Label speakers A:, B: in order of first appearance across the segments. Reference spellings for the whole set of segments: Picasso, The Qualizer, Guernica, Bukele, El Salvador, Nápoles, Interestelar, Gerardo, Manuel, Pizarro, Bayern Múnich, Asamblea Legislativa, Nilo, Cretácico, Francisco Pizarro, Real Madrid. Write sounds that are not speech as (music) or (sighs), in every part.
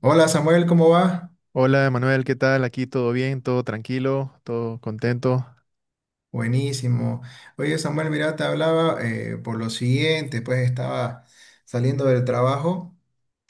A: Hola Samuel, ¿cómo va?
B: Hola, Manuel, ¿qué tal? Aquí todo bien, todo tranquilo, todo contento.
A: Buenísimo. Oye Samuel, mira, te hablaba por lo siguiente, pues estaba saliendo del trabajo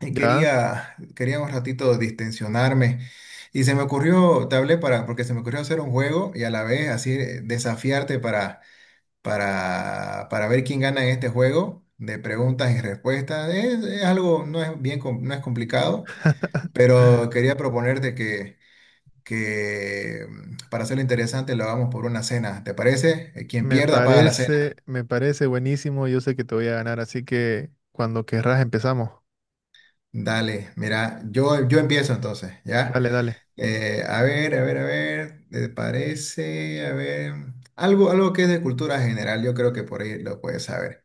A: y
B: Ya,
A: quería un ratito distensionarme. Y se me ocurrió, te hablé para, porque se me ocurrió hacer un juego y a la vez así desafiarte para ver quién gana en este juego de preguntas y respuestas. Es algo, no es bien, no es complicado, pero quería proponerte que para hacerlo interesante lo hagamos por una cena, ¿te parece? Quien
B: me
A: pierda paga la
B: parece,
A: cena.
B: me parece buenísimo. Yo sé que te voy a ganar, así que cuando querrás empezamos.
A: Dale, mira, yo empiezo entonces, ¿ya?
B: Dale, dale.
A: A ver, ¿te parece? A ver, algo que es de cultura general, yo creo que por ahí lo puedes saber.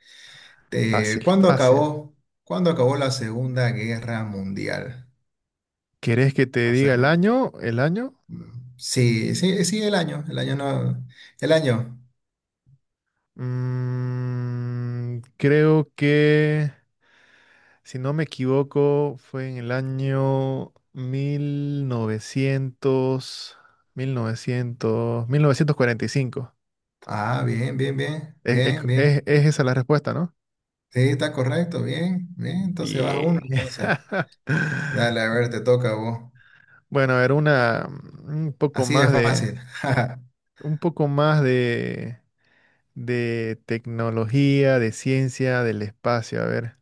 A: Eh,
B: Fácil,
A: ¿cuándo
B: fácil.
A: acabó, cuándo acabó la Segunda Guerra Mundial?
B: ¿Querés que te
A: No sé.
B: diga el año? ¿El año?
A: Sí, sí, sí, el año no, el año.
B: Creo que, si no me equivoco, fue en el año 1945.
A: Ah, bien, bien, bien,
B: Es, es,
A: bien, bien.
B: es es esa la respuesta, ¿no?
A: Sí, está correcto, bien, bien, entonces vas uno,
B: Bien.
A: entonces. Dale, a
B: (laughs)
A: ver, te toca a vos.
B: Bueno, a ver, una un poco
A: Así de
B: más de
A: fácil. (laughs)
B: un poco más de tecnología, de ciencia, del espacio, a ver.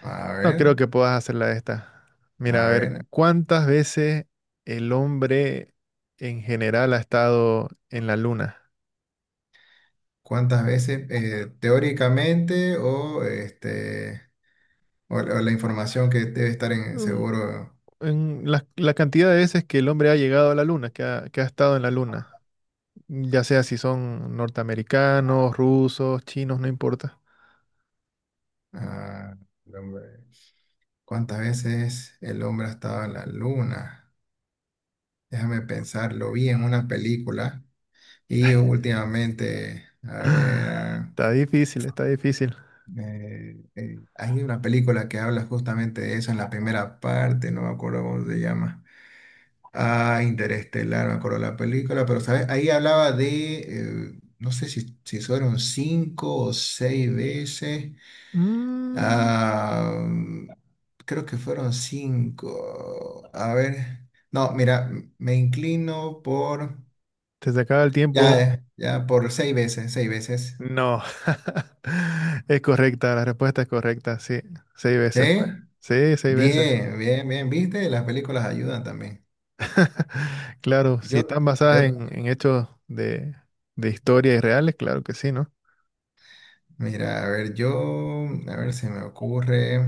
A: A
B: No creo
A: ver,
B: que puedas hacerla de esta. Mira,
A: a
B: a ver,
A: ver,
B: ¿cuántas veces el hombre en general ha estado en la luna?
A: ¿cuántas veces teóricamente o este o la información que debe estar en
B: Mm,
A: seguro,
B: en la cantidad de veces que el hombre ha llegado a la luna, que ha estado en la luna, ya sea si son norteamericanos, rusos, chinos, no importa.
A: ah, el hombre, ¿cuántas veces el hombre ha estado en la luna? Déjame pensar, lo vi en una película y últimamente, a ver.
B: (laughs) Está difícil, está difícil.
A: Hay una película que habla justamente de eso en la primera parte, no me acuerdo cómo se llama. Ah, Interestelar, me acuerdo la película, pero ¿sabes? Ahí hablaba de, no sé si, fueron 5 o 6 veces.
B: Mm,
A: Ah, mm, Creo que fueron cinco. A ver, no, mira, me inclino por,
B: ¿Te se acaba el tiempo?
A: ya, ya, por 6 veces, 6 veces.
B: No. (laughs) Es correcta, la respuesta es correcta, sí. 6 veces fue.
A: ¿Sí?
B: Sí, seis veces.
A: Bien, bien, bien, ¿viste? Las películas ayudan también.
B: (laughs) Claro,
A: Yo,
B: si están
A: yo,
B: basadas en hechos de historia y reales, claro que sí, ¿no?
A: mira, a ver, yo, a ver, se me ocurre.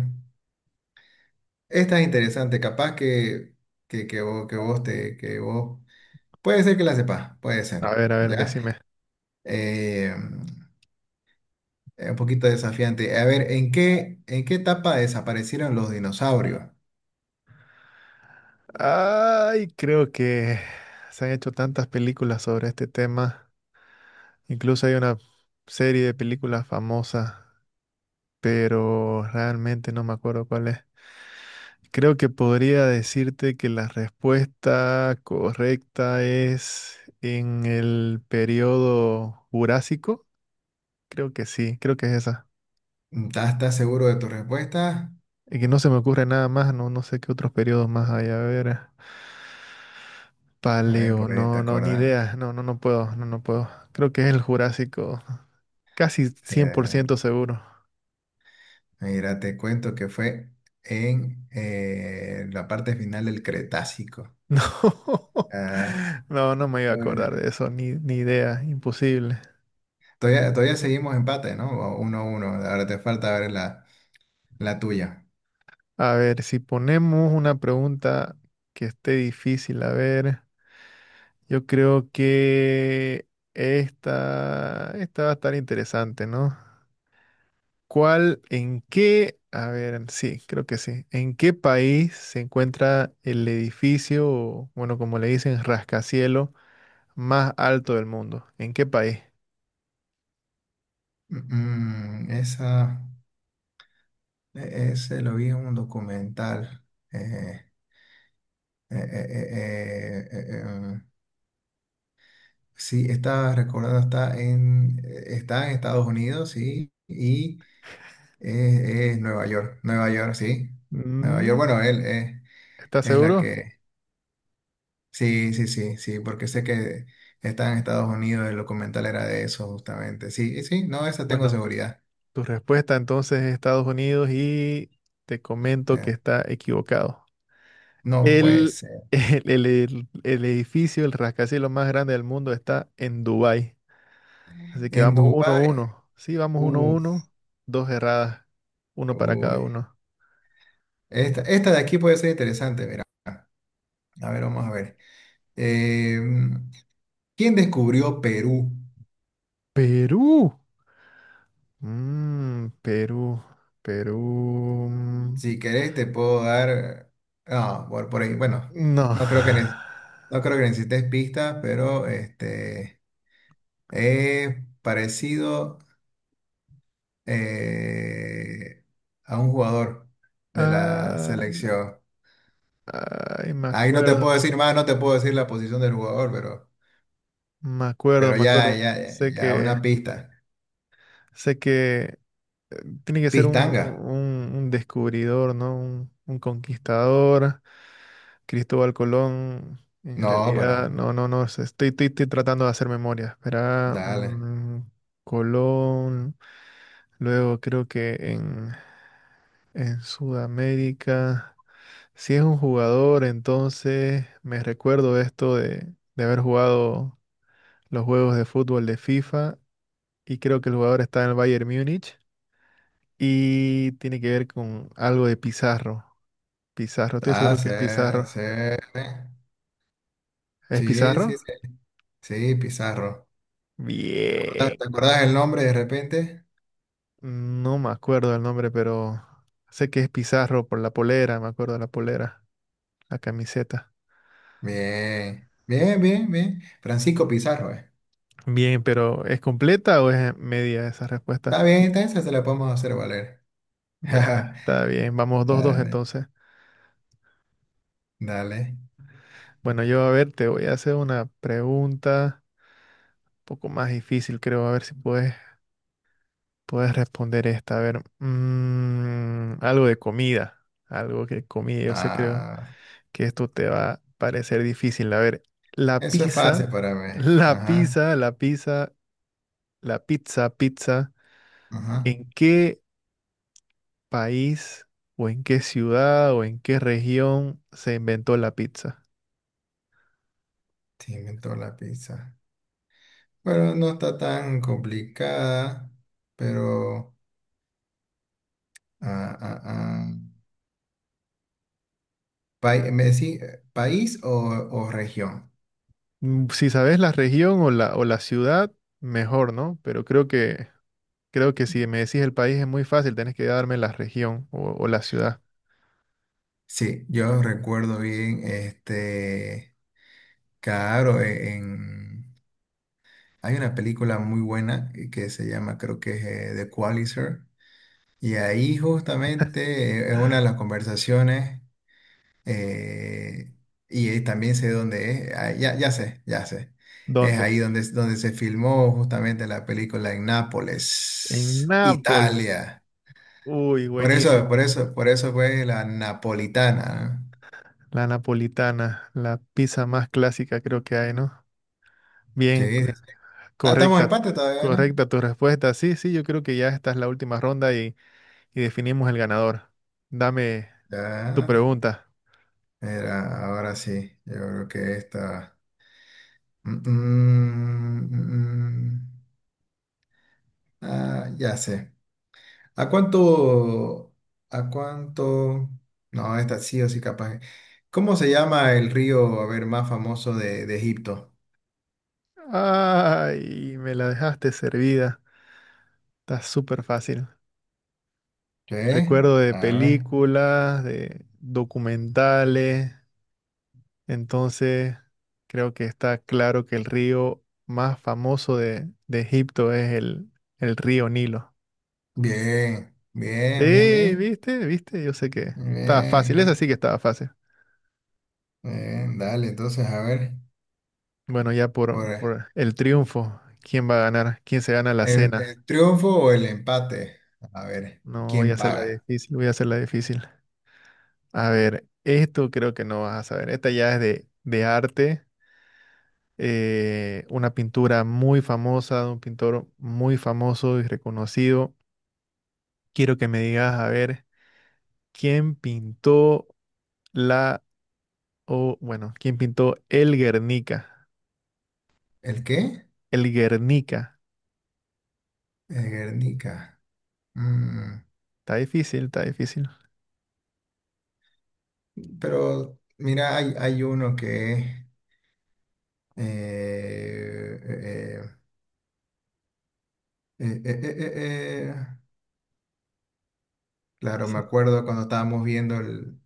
A: Esta es interesante, capaz que, que vos, que vos te, que vos, puede ser que la sepas, puede ser,
B: A ver,
A: ¿ya?
B: decime.
A: Eh, es un poquito desafiante. A ver, ¿en qué etapa desaparecieron los dinosaurios?
B: Ay, creo que se han hecho tantas películas sobre este tema. Incluso hay una serie de películas famosas, pero realmente no me acuerdo cuál es. Creo que podría decirte que la respuesta correcta es en el periodo Jurásico. Creo que sí, creo que es esa.
A: ¿Estás seguro de tu respuesta?
B: Y que no se me ocurre nada más, no, no sé qué otros periodos más hay. A ver,
A: A ver,
B: Paleo,
A: por ahí te
B: no, no, ni
A: acordás.
B: idea. No, no, no puedo, no, no puedo. Creo que es el Jurásico, casi
A: Eh,
B: 100% seguro.
A: Mira, te cuento que fue en la parte final del Cretácico.
B: (laughs) No,
A: Ah,
B: no, no me iba a acordar de eso, ni idea, imposible.
A: todavía seguimos empate, ¿no? O uno a uno. Ahora te falta ver la tuya.
B: A ver, si ponemos una pregunta que esté difícil, a ver, yo creo que esta va a estar interesante, ¿no? ¿Cuál, en qué, a ver, sí, creo que sí, en qué país se encuentra el edificio, o, bueno, como le dicen, rascacielos más alto del mundo? ¿En qué país?
A: Mm, mm, esa, Ese lo vi en un documental. Eh, eh, eh, eh, eh, eh, eh, em, sí, estaba recordando, está en Estados Unidos, sí, y es, es Nueva York. Nueva York, sí. Nueva York,
B: Mm,
A: bueno, él es,
B: ¿Estás
A: es la
B: seguro?
A: que sí, sí, sí, sí, porque sé que está en Estados Unidos, el documental era de eso justamente. Sí, y sí, no, esa tengo
B: Bueno,
A: seguridad.
B: tu respuesta entonces es Estados Unidos y te comento que
A: Eh,
B: está equivocado.
A: no puede
B: El,
A: ser.
B: (laughs) el edificio, el rascacielos más grande del mundo está en Dubái. Así que
A: En
B: vamos uno a
A: Dubái,
B: uno. Sí, vamos uno a
A: uff,
B: uno. Dos erradas. Uno para cada
A: uy.
B: uno.
A: Esta de aquí puede ser interesante, mira. A ver, vamos a ver. Eh, ¿Quién descubrió Perú?
B: Perú. Mm, Perú. Perú.
A: Si querés, te puedo dar. Ah, por ahí. Bueno,
B: No. (sighs)
A: no creo que, no creo que necesites pistas, pero este, es parecido eh, a un jugador de la
B: Ah,
A: selección.
B: ay, me
A: Ahí no te
B: acuerdo.
A: puedo decir más, no te puedo decir la posición del jugador, pero,
B: Me acuerdo,
A: pero
B: me
A: ya,
B: acuerdo.
A: ya, ya una pista.
B: Sé que eh, tiene que ser un,
A: Pistanga.
B: un descubridor, ¿no? Un conquistador. Cristóbal Colón, en
A: No, para.
B: realidad, no, no, no, estoy tratando de hacer memoria. Espera,
A: Dale.
B: Colón, luego creo que en, Sudamérica, si es un jugador, entonces me recuerdo esto de haber jugado los juegos de fútbol de FIFA y creo que el jugador está en el Bayern Múnich y tiene que ver con algo de Pizarro. Pizarro, estoy
A: Ah,
B: seguro que
A: sí,
B: es Pizarro.
A: sí,
B: ¿Es
A: sí,
B: Pizarro?
A: sí, sí, sí, Pizarro. ¿Te acuerdas,
B: Bien.
A: te acuerdas el nombre de repente?
B: No me acuerdo el nombre, pero sé que es Pizarro por la polera, me acuerdo de la polera, la camiseta.
A: Bien, bien, bien, bien. Francisco Pizarro.
B: Bien, pero ¿es completa o es media esa
A: Está
B: respuesta?
A: bien, esta esa se la podemos hacer valer.
B: Ya,
A: (laughs)
B: está bien, vamos 2-2
A: Dale,
B: entonces.
A: dale.
B: Bueno, yo a ver, te voy a hacer una pregunta un poco más difícil, creo, a ver si puedes responder esta. A ver, algo de comida, algo que comida, yo sé, creo
A: Ah.
B: que esto te va a parecer difícil. A ver, la
A: Eso es fácil
B: pizza,
A: para
B: (laughs)
A: mí.
B: la
A: Ajá,
B: pizza, la pizza La pizza, pizza,
A: ajá.
B: ¿en qué país o en qué ciudad o en qué región se inventó la pizza?
A: Sí, inventó la pizza. Bueno, no está tan complicada, pero... ah, ah, ah. ¿Me decís país o región?
B: Si sabes la región o o la ciudad, mejor, ¿no? Pero creo que si me decís el país es muy fácil, tenés que darme la región o la ciudad.
A: Sí, yo recuerdo bien, este, claro, en, hay una película muy buena que se llama, creo que es The Qualizer, y ahí justamente es una de las conversaciones. Eh, y también sé dónde es. Ah, ya, ya sé, ya sé. Es
B: ¿Dónde?
A: ahí donde, es donde se filmó justamente la película en
B: En
A: Nápoles,
B: Nápoles.
A: Italia.
B: Uy,
A: Por eso,
B: buenísimo.
A: por eso, por eso fue la napolitana, ¿no?
B: La napolitana, la pizza más clásica creo que hay, ¿no? Bien,
A: Sí, sí. Ah, estamos en
B: correcta,
A: empate todavía, ¿no?
B: correcta tu respuesta. Sí, sí, yo creo que ya esta es la última ronda y definimos el ganador. Dame tu
A: Ya.
B: pregunta.
A: Era, ahora sí. Yo creo que esta. Mm, mm, mm, mm. mm. Ah, ya sé. ¿A cuánto? ¿A cuánto? No, esta sí o sí capaz. ¿Cómo se llama el río, a ver, más famoso de Egipto?
B: Ay, me la dejaste servida. Está súper fácil.
A: ¿Sí?
B: Recuerdo de
A: A ver.
B: películas, de documentales. Entonces, creo que está claro que el río más famoso de Egipto es el río Nilo.
A: Bien, bien, bien,
B: Sí,
A: bien.
B: viste, viste, yo sé que estaba
A: Bien,
B: fácil. Esa sí
A: bien.
B: que estaba fácil.
A: Bien, dale, entonces, a ver.
B: Bueno, ya
A: Por
B: por el triunfo, ¿quién va a ganar? ¿Quién se gana la
A: el,
B: cena?
A: el triunfo o el empate. A ver,
B: No voy a
A: ¿quién
B: hacerla
A: paga?
B: difícil, voy a hacerla difícil. A ver, esto creo que no vas a saber. Esta ya es de arte, una pintura muy famosa de un pintor muy famoso y reconocido. Quiero que me digas, a ver, ¿quién pintó la, o bueno, quién pintó el Guernica?
A: ¿El qué?
B: El Guernica.
A: El Guernica. Mm,
B: Está difícil, está difícil.
A: Pero, mira, hay uno que... eh, eh, eh, Eh, eh, eh, eh, eh. Claro, me
B: Sí.
A: acuerdo cuando estábamos viendo el...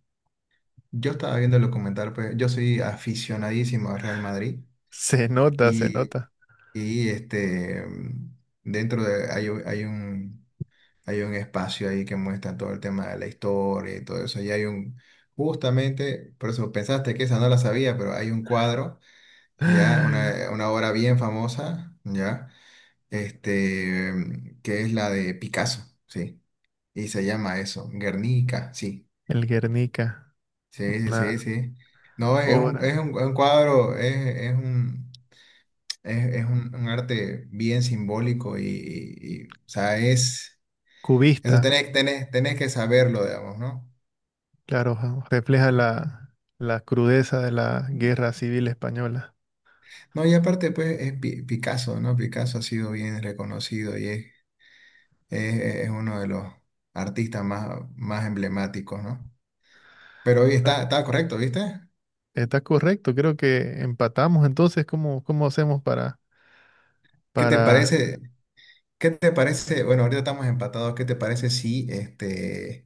A: Yo estaba viendo el documental, pues yo soy aficionadísimo al Real Madrid
B: Se nota, se
A: y,
B: nota.
A: y este, dentro de... Hay un espacio ahí que muestra todo el tema de la historia y todo eso. Justamente, por eso pensaste que esa no la sabía, pero hay un cuadro, ya,
B: (gasps)
A: una,
B: (laughs)
A: una obra bien famosa, ya, este, que es la de Picasso, ¿sí? Y se llama eso, Guernica, sí,
B: El Guernica,
A: sí, sí, sí,
B: una
A: sí. No,
B: obra
A: es un cuadro, un arte bien simbólico y, o sea, eso
B: cubista.
A: tenés que saberlo, digamos, ¿no?
B: Claro, ja, refleja la crudeza de la guerra civil española.
A: No, y aparte, pues, es Picasso, ¿no? Picasso ha sido bien reconocido y es, es uno de los artistas más emblemáticos, ¿no? Pero hoy está correcto, ¿viste?
B: Está correcto, creo que empatamos. Entonces, cómo hacemos para,
A: ¿Qué te
B: para...
A: parece? ¿Qué te parece? Bueno, ahorita estamos empatados. ¿Qué te parece si este,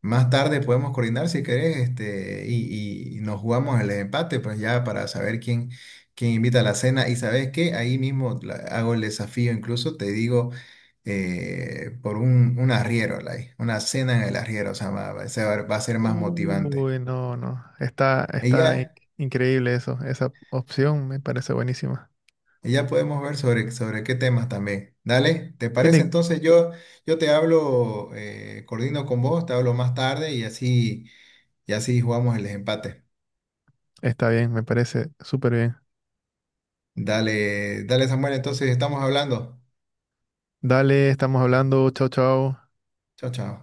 A: más tarde podemos coordinar si querés este, y nos jugamos el empate? Pues ya para saber quién invita a la cena. Y sabes qué, ahí mismo hago el desafío, incluso te digo por un arriero, like, una cena en el arriero, o sea, va a ser más motivante.
B: Uy, no, no. Está,
A: Y
B: está in-
A: ya.
B: increíble eso. Esa opción me parece buenísima.
A: Y ya podemos ver sobre qué temas también. Dale, ¿te parece?
B: Tiene...
A: Entonces yo te hablo, coordino con vos, te hablo más tarde y así jugamos el desempate.
B: Está bien, me parece súper bien.
A: Dale, dale Samuel, entonces estamos hablando.
B: Dale, estamos hablando. Chao, chao.
A: Chao, chao.